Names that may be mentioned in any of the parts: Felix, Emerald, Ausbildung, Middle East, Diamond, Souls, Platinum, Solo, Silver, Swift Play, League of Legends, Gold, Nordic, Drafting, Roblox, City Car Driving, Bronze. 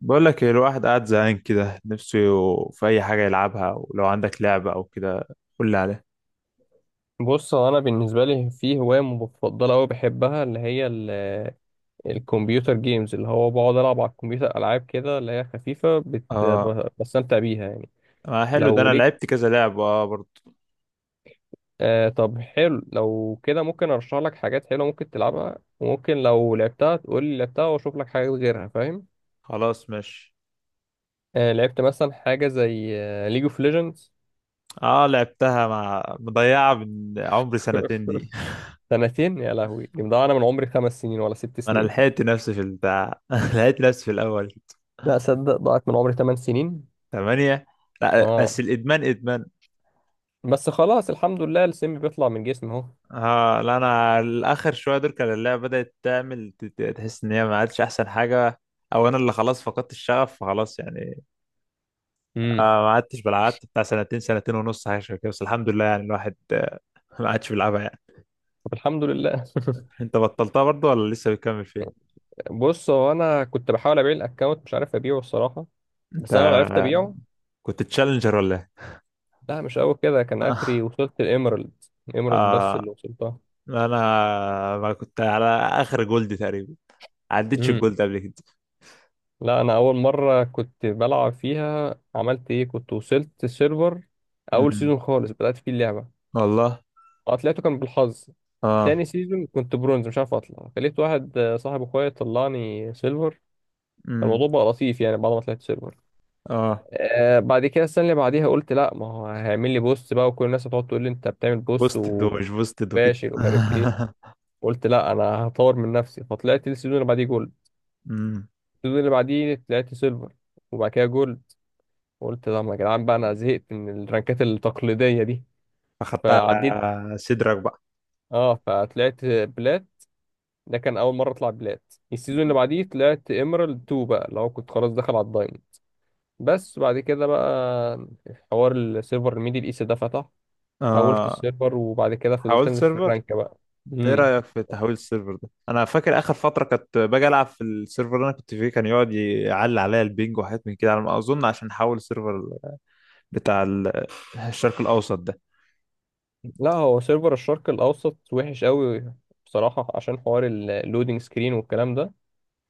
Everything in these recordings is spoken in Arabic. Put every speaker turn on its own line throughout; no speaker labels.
بقول لك إيه، الواحد قاعد زهقان كده نفسه في اي حاجه يلعبها، ولو عندك لعبه او كده قول لي عليها.
بص، هو انا بالنسبه لي في هوايه مفضله قوي بحبها اللي هي الكمبيوتر جيمز. اللي هو بقعد العب على الكمبيوتر العاب كده اللي هي خفيفه، بت-
اه
ب- بستمتع بيها يعني.
ما حلو ده، انا
لو ليك...
لعبت كذا لعبه اه برضه.
آه طب حلو، لو كده ممكن ارشح لك حاجات حلوه ممكن تلعبها، وممكن لو لعبتها تقول لي لعبتها واشوف لك حاجات غيرها. فاهم؟
خلاص ماشي.
آه، لعبت مثلا حاجه زي ليج اوف ليجندز.
اه لعبتها، مع مضيعه من عمري سنتين دي.
سنتين يا لهوي، دي مضيعة، انا من عمري 5 سنين ولا ست
انا
سنين
لحقت نفسي في البتاع. لحقت نفسي في الاول.
لا صدق، ضاعت من عمري 8 سنين.
ثمانية. لا
اه.
بس الادمان ادمان.
بس خلاص الحمد لله، السم بيطلع من جسمي اهو.
اه لا انا الاخر شويه دول كان اللعبه بدات تعمل تحس ان هي ما عادش احسن حاجه، او انا اللي خلاص فقدت الشغف فخلاص يعني.
امم
ما عدتش بلعب، قعدت بتاع سنتين سنتين ونص حاجه شبه كده، بس الحمد لله يعني الواحد ما عادش بيلعبها يعني.
طب الحمد لله.
انت بطلتها برضو ولا لسه بتكمل فيها؟
بص هو انا كنت بحاول ابيع الاكونت، مش عارف ابيعه الصراحه.
انت
بس انا لو عرفت ابيعه...
كنت تشالنجر ولا ايه؟
لا مش قوي كده، كان
آه.
اخري وصلت الاميرالد. الاميرالد بس
آه.
اللي وصلتها.
أنا ما كنت على آخر جولد تقريبا، عديتش
امم
الجولد قبل كده.
لا انا اول مره كنت بلعب فيها عملت ايه، كنت وصلت سيرفر اول
أمم.
سيزون خالص بدات فيه اللعبه.
والله.
اه طلعته كان بالحظ.
آه.
تاني سيزون كنت برونز مش عارف اطلع، خليت واحد صاحب اخويا طلعني سيلفر.
أمم.
الموضوع بقى لطيف يعني بعد ما طلعت سيلفر.
اه
آه بعد كده السنة اللي بعديها قلت لا، ما هو هيعمل لي بوست بقى، وكل الناس هتقعد تقول لي انت بتعمل بوست
بوستد ومش بوستد وكده.
وفاشل ومش عارف ايه. قلت لا انا هطور من نفسي، فطلعت السيزون اللي بعديه جولد.
أمم.
السيزون اللي بعديه طلعت سيلفر، وبعد كده جولد. قلت لا ما يا جدعان بقى انا زهقت من الرانكات التقليدية دي،
أخدتها
فعديت.
على صدرك بقى.
اه فطلعت بلات. ده كان اول مرة اطلع بلات. السيزون اللي
أمم.
بعديه طلعت ايمرالد 2 بقى، لو كنت خلاص داخل على الدايموند. بس بعد كده بقى حوار السيرفر الميدل ايست ده فتح. حولت
آه.
السيرفر وبعد كده فضلت
حاولت
انزل في
سيرفر.
الرانك بقى.
انت ايه
امم
رايك في تحويل السيرفر ده؟ انا فاكر اخر فتره كنت باجي العب في السيرفر اللي انا كنت فيه كان يقعد يعلي عليا البينج وحاجات من كده، على ما اظن عشان حول السيرفر بتاع الشرق الاوسط ده.
لا هو سيرفر الشرق الاوسط وحش قوي بصراحه، عشان حوار اللودنج سكرين والكلام ده.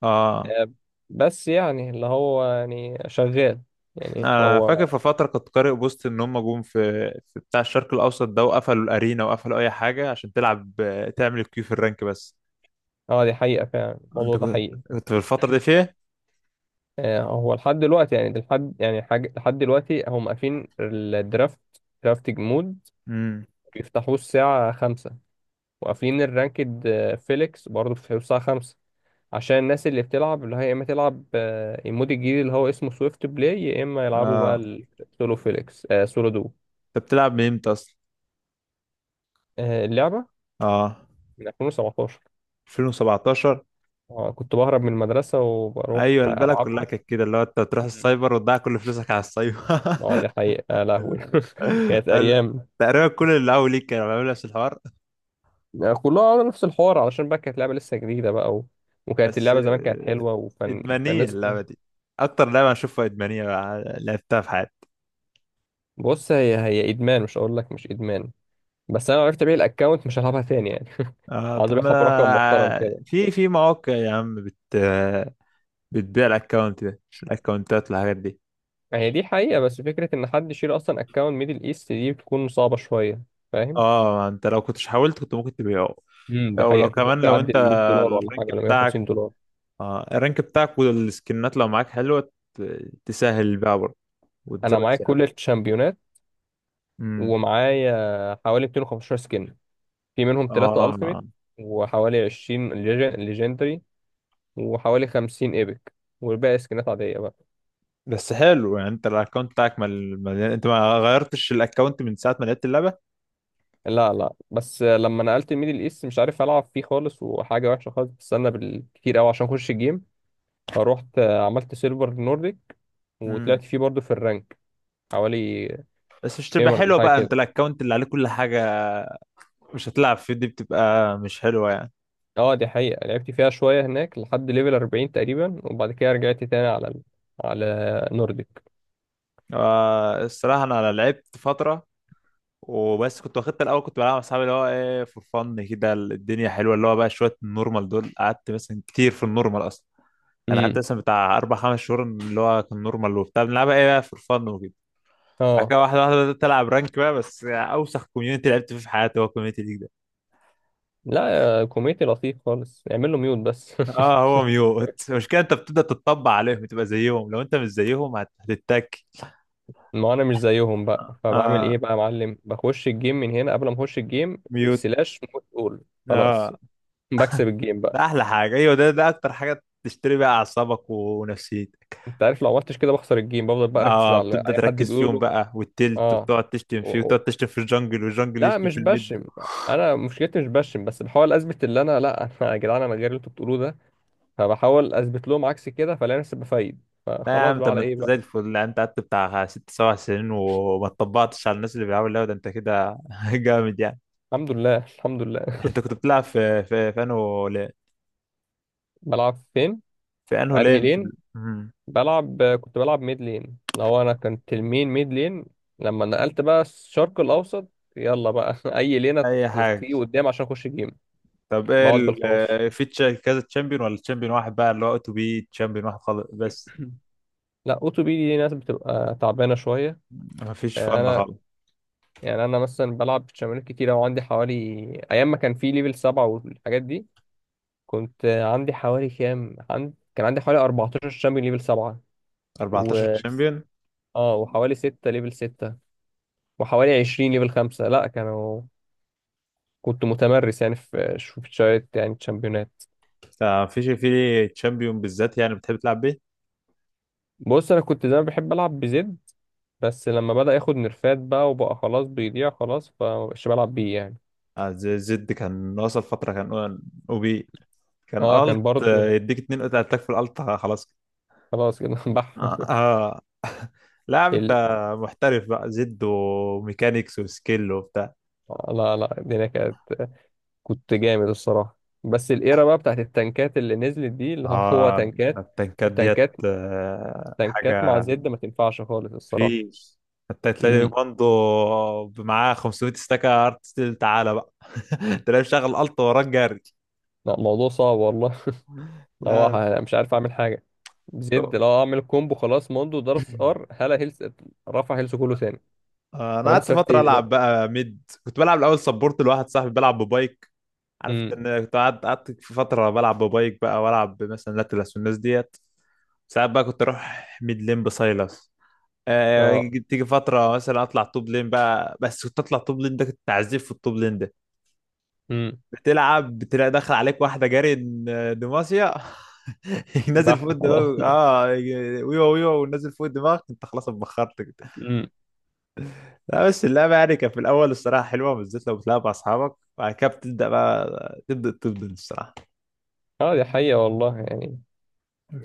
اه
آه، بس يعني اللي هو يعني شغال. يعني
انا فاكر
هو...
في فتره كنت قارئ بوست ان هم جم في بتاع الشرق الاوسط ده وقفلوا الارينا وقفلوا اي حاجه عشان تلعب، تعمل الكيو في الرانك بس.
اه دي حقيقه فعلا،
انت
الموضوع ده
كنت،
حقيقي.
كنت في الفتره دي فيها؟
هو لحد دلوقتي، يعني لحد يعني حاجه لحد دلوقتي هم قافلين الدرافت درافتنج مود
امم.
بيفتحوه الساعه 5، وقافلين الرانكد فيليكس برضه بيفتحوه الساعه 5. عشان الناس اللي بتلعب اللي هي يا اما تلعب المود الجديد اللي هو اسمه سويفت بلاي، يا اما يلعبوا بقى
اه
السولو فيليكس سولو دو.
انت بتلعب من امتى اصلا؟
آه اللعبة
اه
من 2017.
2017.
آه كنت بهرب من المدرسة، وبروح
ايوه البلد كلها
ألعبها.
كانت كده، اللي هو انت تروح
مم.
السايبر وتضيع كل فلوسك على السايبر.
اه دي حقيقة يا لهوي.
ال-
كانت
ال-
أيام.
تقريبا كل اللي اول ليك كانوا بيعملوا نفس الحوار.
كلها على نفس الحوار، علشان بقى كانت لعبة لسه جديدة بقى و... وكانت
بس
اللعبة زمان كانت حلوة، وفن...،
ادمانيه
فالناس
اللعبه
كانت...
دي، اكتر لعبه اشوفها ادمانيه لعبتها في حياتي.
بص هي إدمان، مش هقول لك مش إدمان. بس أنا لو عرفت أبيع الأكونت مش هلعبها تاني يعني.
اه
هقعد
طب
أبيعها برقم محترم
ما
كده.
في في مواقع يا عم بتبيع الاكونت ده، الاكونتات والحاجات دي.
ما هي دي حقيقة، بس فكرة إن حد يشيل أصلا أكونت ميدل إيست دي بتكون صعبة شوية. فاهم؟
اه انت لو كنتش حاولت كنت ممكن تبيعه.
دي
او لو
حقيقة، كنت
كمان
ممكن
لو
أعدي
انت
ال 100 دولار ولا
الرانك
حاجة ولا 150
بتاعك،
دولار
اه الرانك بتاعك والسكنات لو معاك حلوة تسهل البيع برضه
أنا
وتزود
معايا كل
سعرك.
الشامبيونات،
امم.
ومعايا حوالي 215 سكين. في منهم ثلاثة
اه
ألتيميت وحوالي 20 ليجندري، وحوالي 50 إيبك، والباقي سكنات عادية بقى.
بس حلو يعني، انت الاكونت بتاعك انت ما غيرتش الاكونت من ساعة ما لعبت اللعبة؟
لا لا، بس لما نقلت الميدل إيست مش عارف ألعب فيه خالص، وحاجة وحشة خالص، بستنى بالكتير أوي عشان أخش الجيم. فروحت عملت سيلفر نورديك،
امم.
وطلعت فيه برضه في الرانك حوالي...
بس مش تبقى
ايمرالد
حلوة
حاجة
بقى انت
كده.
الاكونت اللي عليه كل حاجة مش هتلعب فيه؟ دي بتبقى مش حلوة يعني.
اه دي حقيقة، لعبت فيها شوية هناك لحد ليفل 40 تقريبا، وبعد كده رجعت تاني على ال... على نورديك.
آه الصراحة انا لعبت فترة وبس، كنت واخدت الاول كنت بلعب مع اصحابي اللي هو ايه فور فن كده الدنيا حلوة، اللي هو بقى شوية النورمال دول قعدت مثلا كتير في النورمال اصلا. انا قعدت
امم
مثلا بتاع اربع خمس شهور اللي هو كان نورمال وبتاع بنلعبها ايه بقى فور فن وكده. بعد
اه.
كده واحده واحده بدات العب رانك بقى، بس اوسخ كوميونتي لعبت فيه في حياتي هو الكوميونتي ليج ده.
لا كوميتي لطيف خالص، اعمل له ميوت بس.
اه هو ميوت. المشكله انت بتبدا تتطبع عليهم تبقى زيهم، لو انت مش زيهم هتتك.
ما انا مش زيهم بقى، فبعمل
اه
ايه بقى يا معلم؟ بخش الجيم من هنا قبل ما اخش الجيم
ميوت.
سلاش موت اول. خلاص،
اه
بكسب الجيم بقى.
ده احلى حاجه، ايوه ده ده اكتر حاجه تشتري بقى اعصابك ونفسيتك.
انت عارف لو عملتش كده بخسر الجيم، بفضل بقى اركز
اه
على
بتبدا
اي حد
تركز فيهم
بيقوله.
بقى والتلت،
اه
وتقعد تشتم فيه وتقعد تشتم في الجنجل والجنجل
لا
يشتم
مش
في الميد.
بشم. انا مشكلتي مش بشم، بس بحاول اثبت اللي انا... لا، انا يا جدعان انا غير اللي انتوا بتقولوه ده. فبحاول اثبت لهم عكس كده، فلاقي نفسي بفايد،
لا يا
فخلاص
عم
بقى
طب ما
على
انت
ايه بقى.
زي الفل، لا، انت قعدت بتاع ست سبع سنين وما اتطبقتش على الناس اللي بيلعبوا اللعبه ده، انت كده جامد يعني.
الحمد لله الحمد لله.
انت كنت بتلعب في انه لين؟
بلعب فين؟
في انه
انهي
لين، في ال...
لين؟
مم.
بلعب... كنت بلعب ميد لين، لو انا كنت المين ميد لين. لما نقلت بقى الشرق الاوسط يلا بقى. اي لينة
اي حاجه.
تيجي قدام عشان اخش جيم.
طب ايه
بقعد بال
ال...
15.
آه، كذا تشامبيون ولا تشامبيون واحد بقى اللي هو تو بي؟ تشامبيون واحد خالص بس،
لا اوتو بي دي ناس بتبقى تعبانه شويه.
ما فيش فن
انا...
خالص.
يعني انا مثلا بلعب شمالات كتير، او عندي حوالي... ايام ما كان في ليفل 7 والحاجات دي كنت عندي حوالي كام كان عندي حوالي 14 شامبيون ليفل 7، و...
14 تشامبيون؟
اه وحوالي 6 ليفل 6، وحوالي 20 ليفل 5 لا كانوا... كنت متمرس يعني في شوية يعني شامبيونات.
ما فيش في تشامبيون بالذات يعني بتحب تلعب بيه؟
بص انا كنت دايما بحب العب بزد، بس لما بدأ ياخد نرفات بقى وبقى خلاص بيضيع خلاص، فمبقاش بلعب بيه يعني.
آه، زي زد كان وصل فتره كان او بي، كان
اه كان
الت
برضو
يديك اتنين قطع اتاك في الالت خلاص.
خلاص كده. بح.
آه. آه. لا يا عم انت
ال...
محترف بقى، زد وميكانيكس وسكيل وبتاع.
لا لا الدنيا كانت... كنت جامد الصراحة. بس الايرا بقى بتاعت التنكات اللي نزلت دي اللي... هو
اه ده
تنكات
التنكات ديت
وتنكات. تنكات مع
حاجة
زد ما تنفعش خالص الصراحة.
فيش، حتى تلاقي
امم
ماندو معاه 500 استاكة ارت ستيل تعالى بقى. تلاقيه مشغل الت وراك جري.
لا، موضوع صعب والله. لو
لا لا.
مش عارف اعمل حاجة. زد لو اعمل كومبو خلاص موندو ضرب ار هلا هيلث، رفع هيلث كله تاني.
انا
طب انا
قعدت
سافت
فترة
ايه دلوقتي؟
العب بقى ميد، كنت بلعب الاول سبورت لواحد صاحبي بلعب ببايك. عارف انت
امم
ان كنت قعدت، قعدت في فتره بلعب ببايك بقى والعب مثلا لاتلس والناس ديت. ساعات بقى كنت اروح ميد لين بسايلس. آه.
اه.
تيجي فتره مثلا اطلع توب لين بقى، بس كنت اطلع توب لين ده كنت تعذيب في التوب لين ده،
امم
بتلعب بتلاقي داخل عليك واحده جاري دماسيا. نازل فوق
بح خلاص.
الدماغ اه، ويوا ويوا ونازل فوق دماغك انت خلاص اتبخرت كده.
امم
لا بس اللعبه يعني كانت في الاول الصراحه حلوه، بالذات لو بتلعب مع اصحابك، وبعد كده بتبدا بقى تبدا الصراحه.
اه دي حقيقة والله يعني.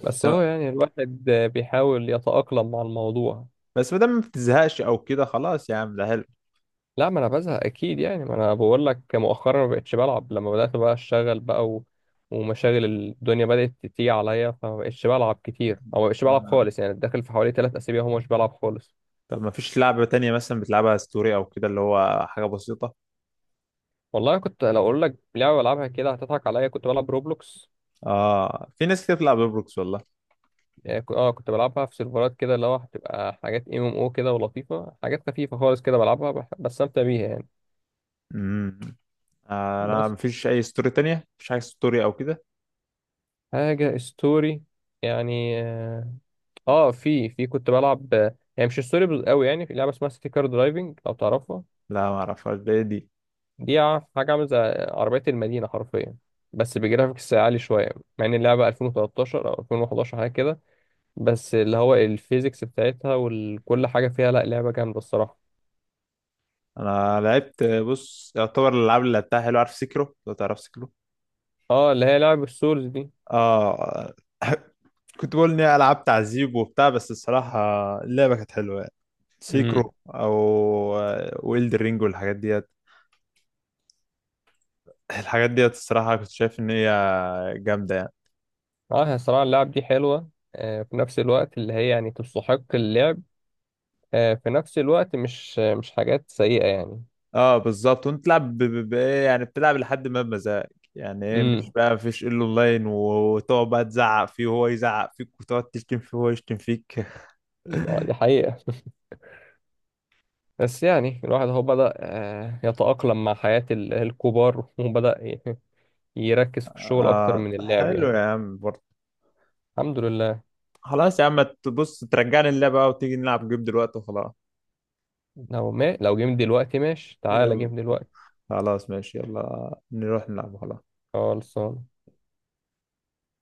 بس هو يعني الواحد بيحاول يتأقلم مع الموضوع.
بس ما دام ما بتزهقش او كده خلاص يا عم ده حلو.
لا ما انا بزهق اكيد يعني. ما انا بقول لك مؤخرا ما بقتش بلعب لما بدات بقى اشتغل بقى و... ومشاغل الدنيا بدات تيجي عليا، فما بقتش بلعب كتير، او ما بقتش بلعب
آه.
خالص يعني. داخل في حوالي 3 اسابيع هو مش بلعب خالص.
طب ما فيش لعبة تانية مثلا بتلعبها ستوري او كده اللي هو حاجة بسيطة؟
والله، كنت لو اقول لك لعبه بلعبها كده هتضحك عليا، كنت بلعب روبلوكس.
اه في ناس كتير بتلعب روبلوكس والله.
يعني اه كنت بلعبها في سيرفرات كده اللي هو هتبقى حاجات ام ام او كده ولطيفه، حاجات خفيفه خالص كده بلعبها بستمتع بيها يعني.
امم. انا ما
بس
فيش اي ستوري تانية، ما فيش حاجة ستوري او كده.
حاجه ستوري، يعني اه في كنت بلعب، يعني مش ستوري قوي، يعني في لعبه اسمها سيتي كار درايفنج لو تعرفها.
لا ما اعرفهاش، ده إيه دي؟
دي حاجه عامله زي عربيه المدينه حرفيا، بس بجرافيكس عالي شويه. مع ان اللعبه 2013 او 2011 حاجه كده، بس اللي هو الفيزيكس بتاعتها وكل حاجه فيها، لا لعبه جامده الصراحه.
انا لعبت، بص يعتبر الالعاب اللي لعبتها حلو، عارف سيكرو؟ لو تعرف سيكرو.
اه اللي هي لعبه السولز دي.
اه. كنت بقول اني العاب تعذيب وبتاع، بس الصراحة اللعبة كانت حلوة يعني.
امم
سيكرو او ويلد رينج والحاجات دي، الحاجات ديت الصراحة كنت شايف إن هي جامدة يعني.
اه هي الصراحه اللعب دي حلوه. في نفس الوقت اللي هي يعني تستحق اللعب. في نفس الوقت مش حاجات سيئه يعني.
اه بالظبط، وانت تلعب بايه يعني، بتلعب لحد ما بمزاجك يعني ايه، مش
امم
بقى مفيش الا اونلاين وتقعد بقى تزعق فيه وهو يزعق فيك وتقعد تشتم فيه وهو يشتم فيك.
دي حقيقه. بس يعني الواحد هو بدأ يتأقلم مع حياة الكبار، وبدأ يركز في الشغل أكتر
اه
من اللعب
حلو
يعني.
يا عم برضه.
الحمد لله.
خلاص يا عم تبص ترجعني اللعبة بقى وتيجي نلعب جيم دلوقتي وخلاص.
لو ما لو جيم دلوقتي ماشي، تعالى
يلا.
جيم دلوقتي.
خلاص ماشي يلا نروح نلعب خلاص.
خلصان.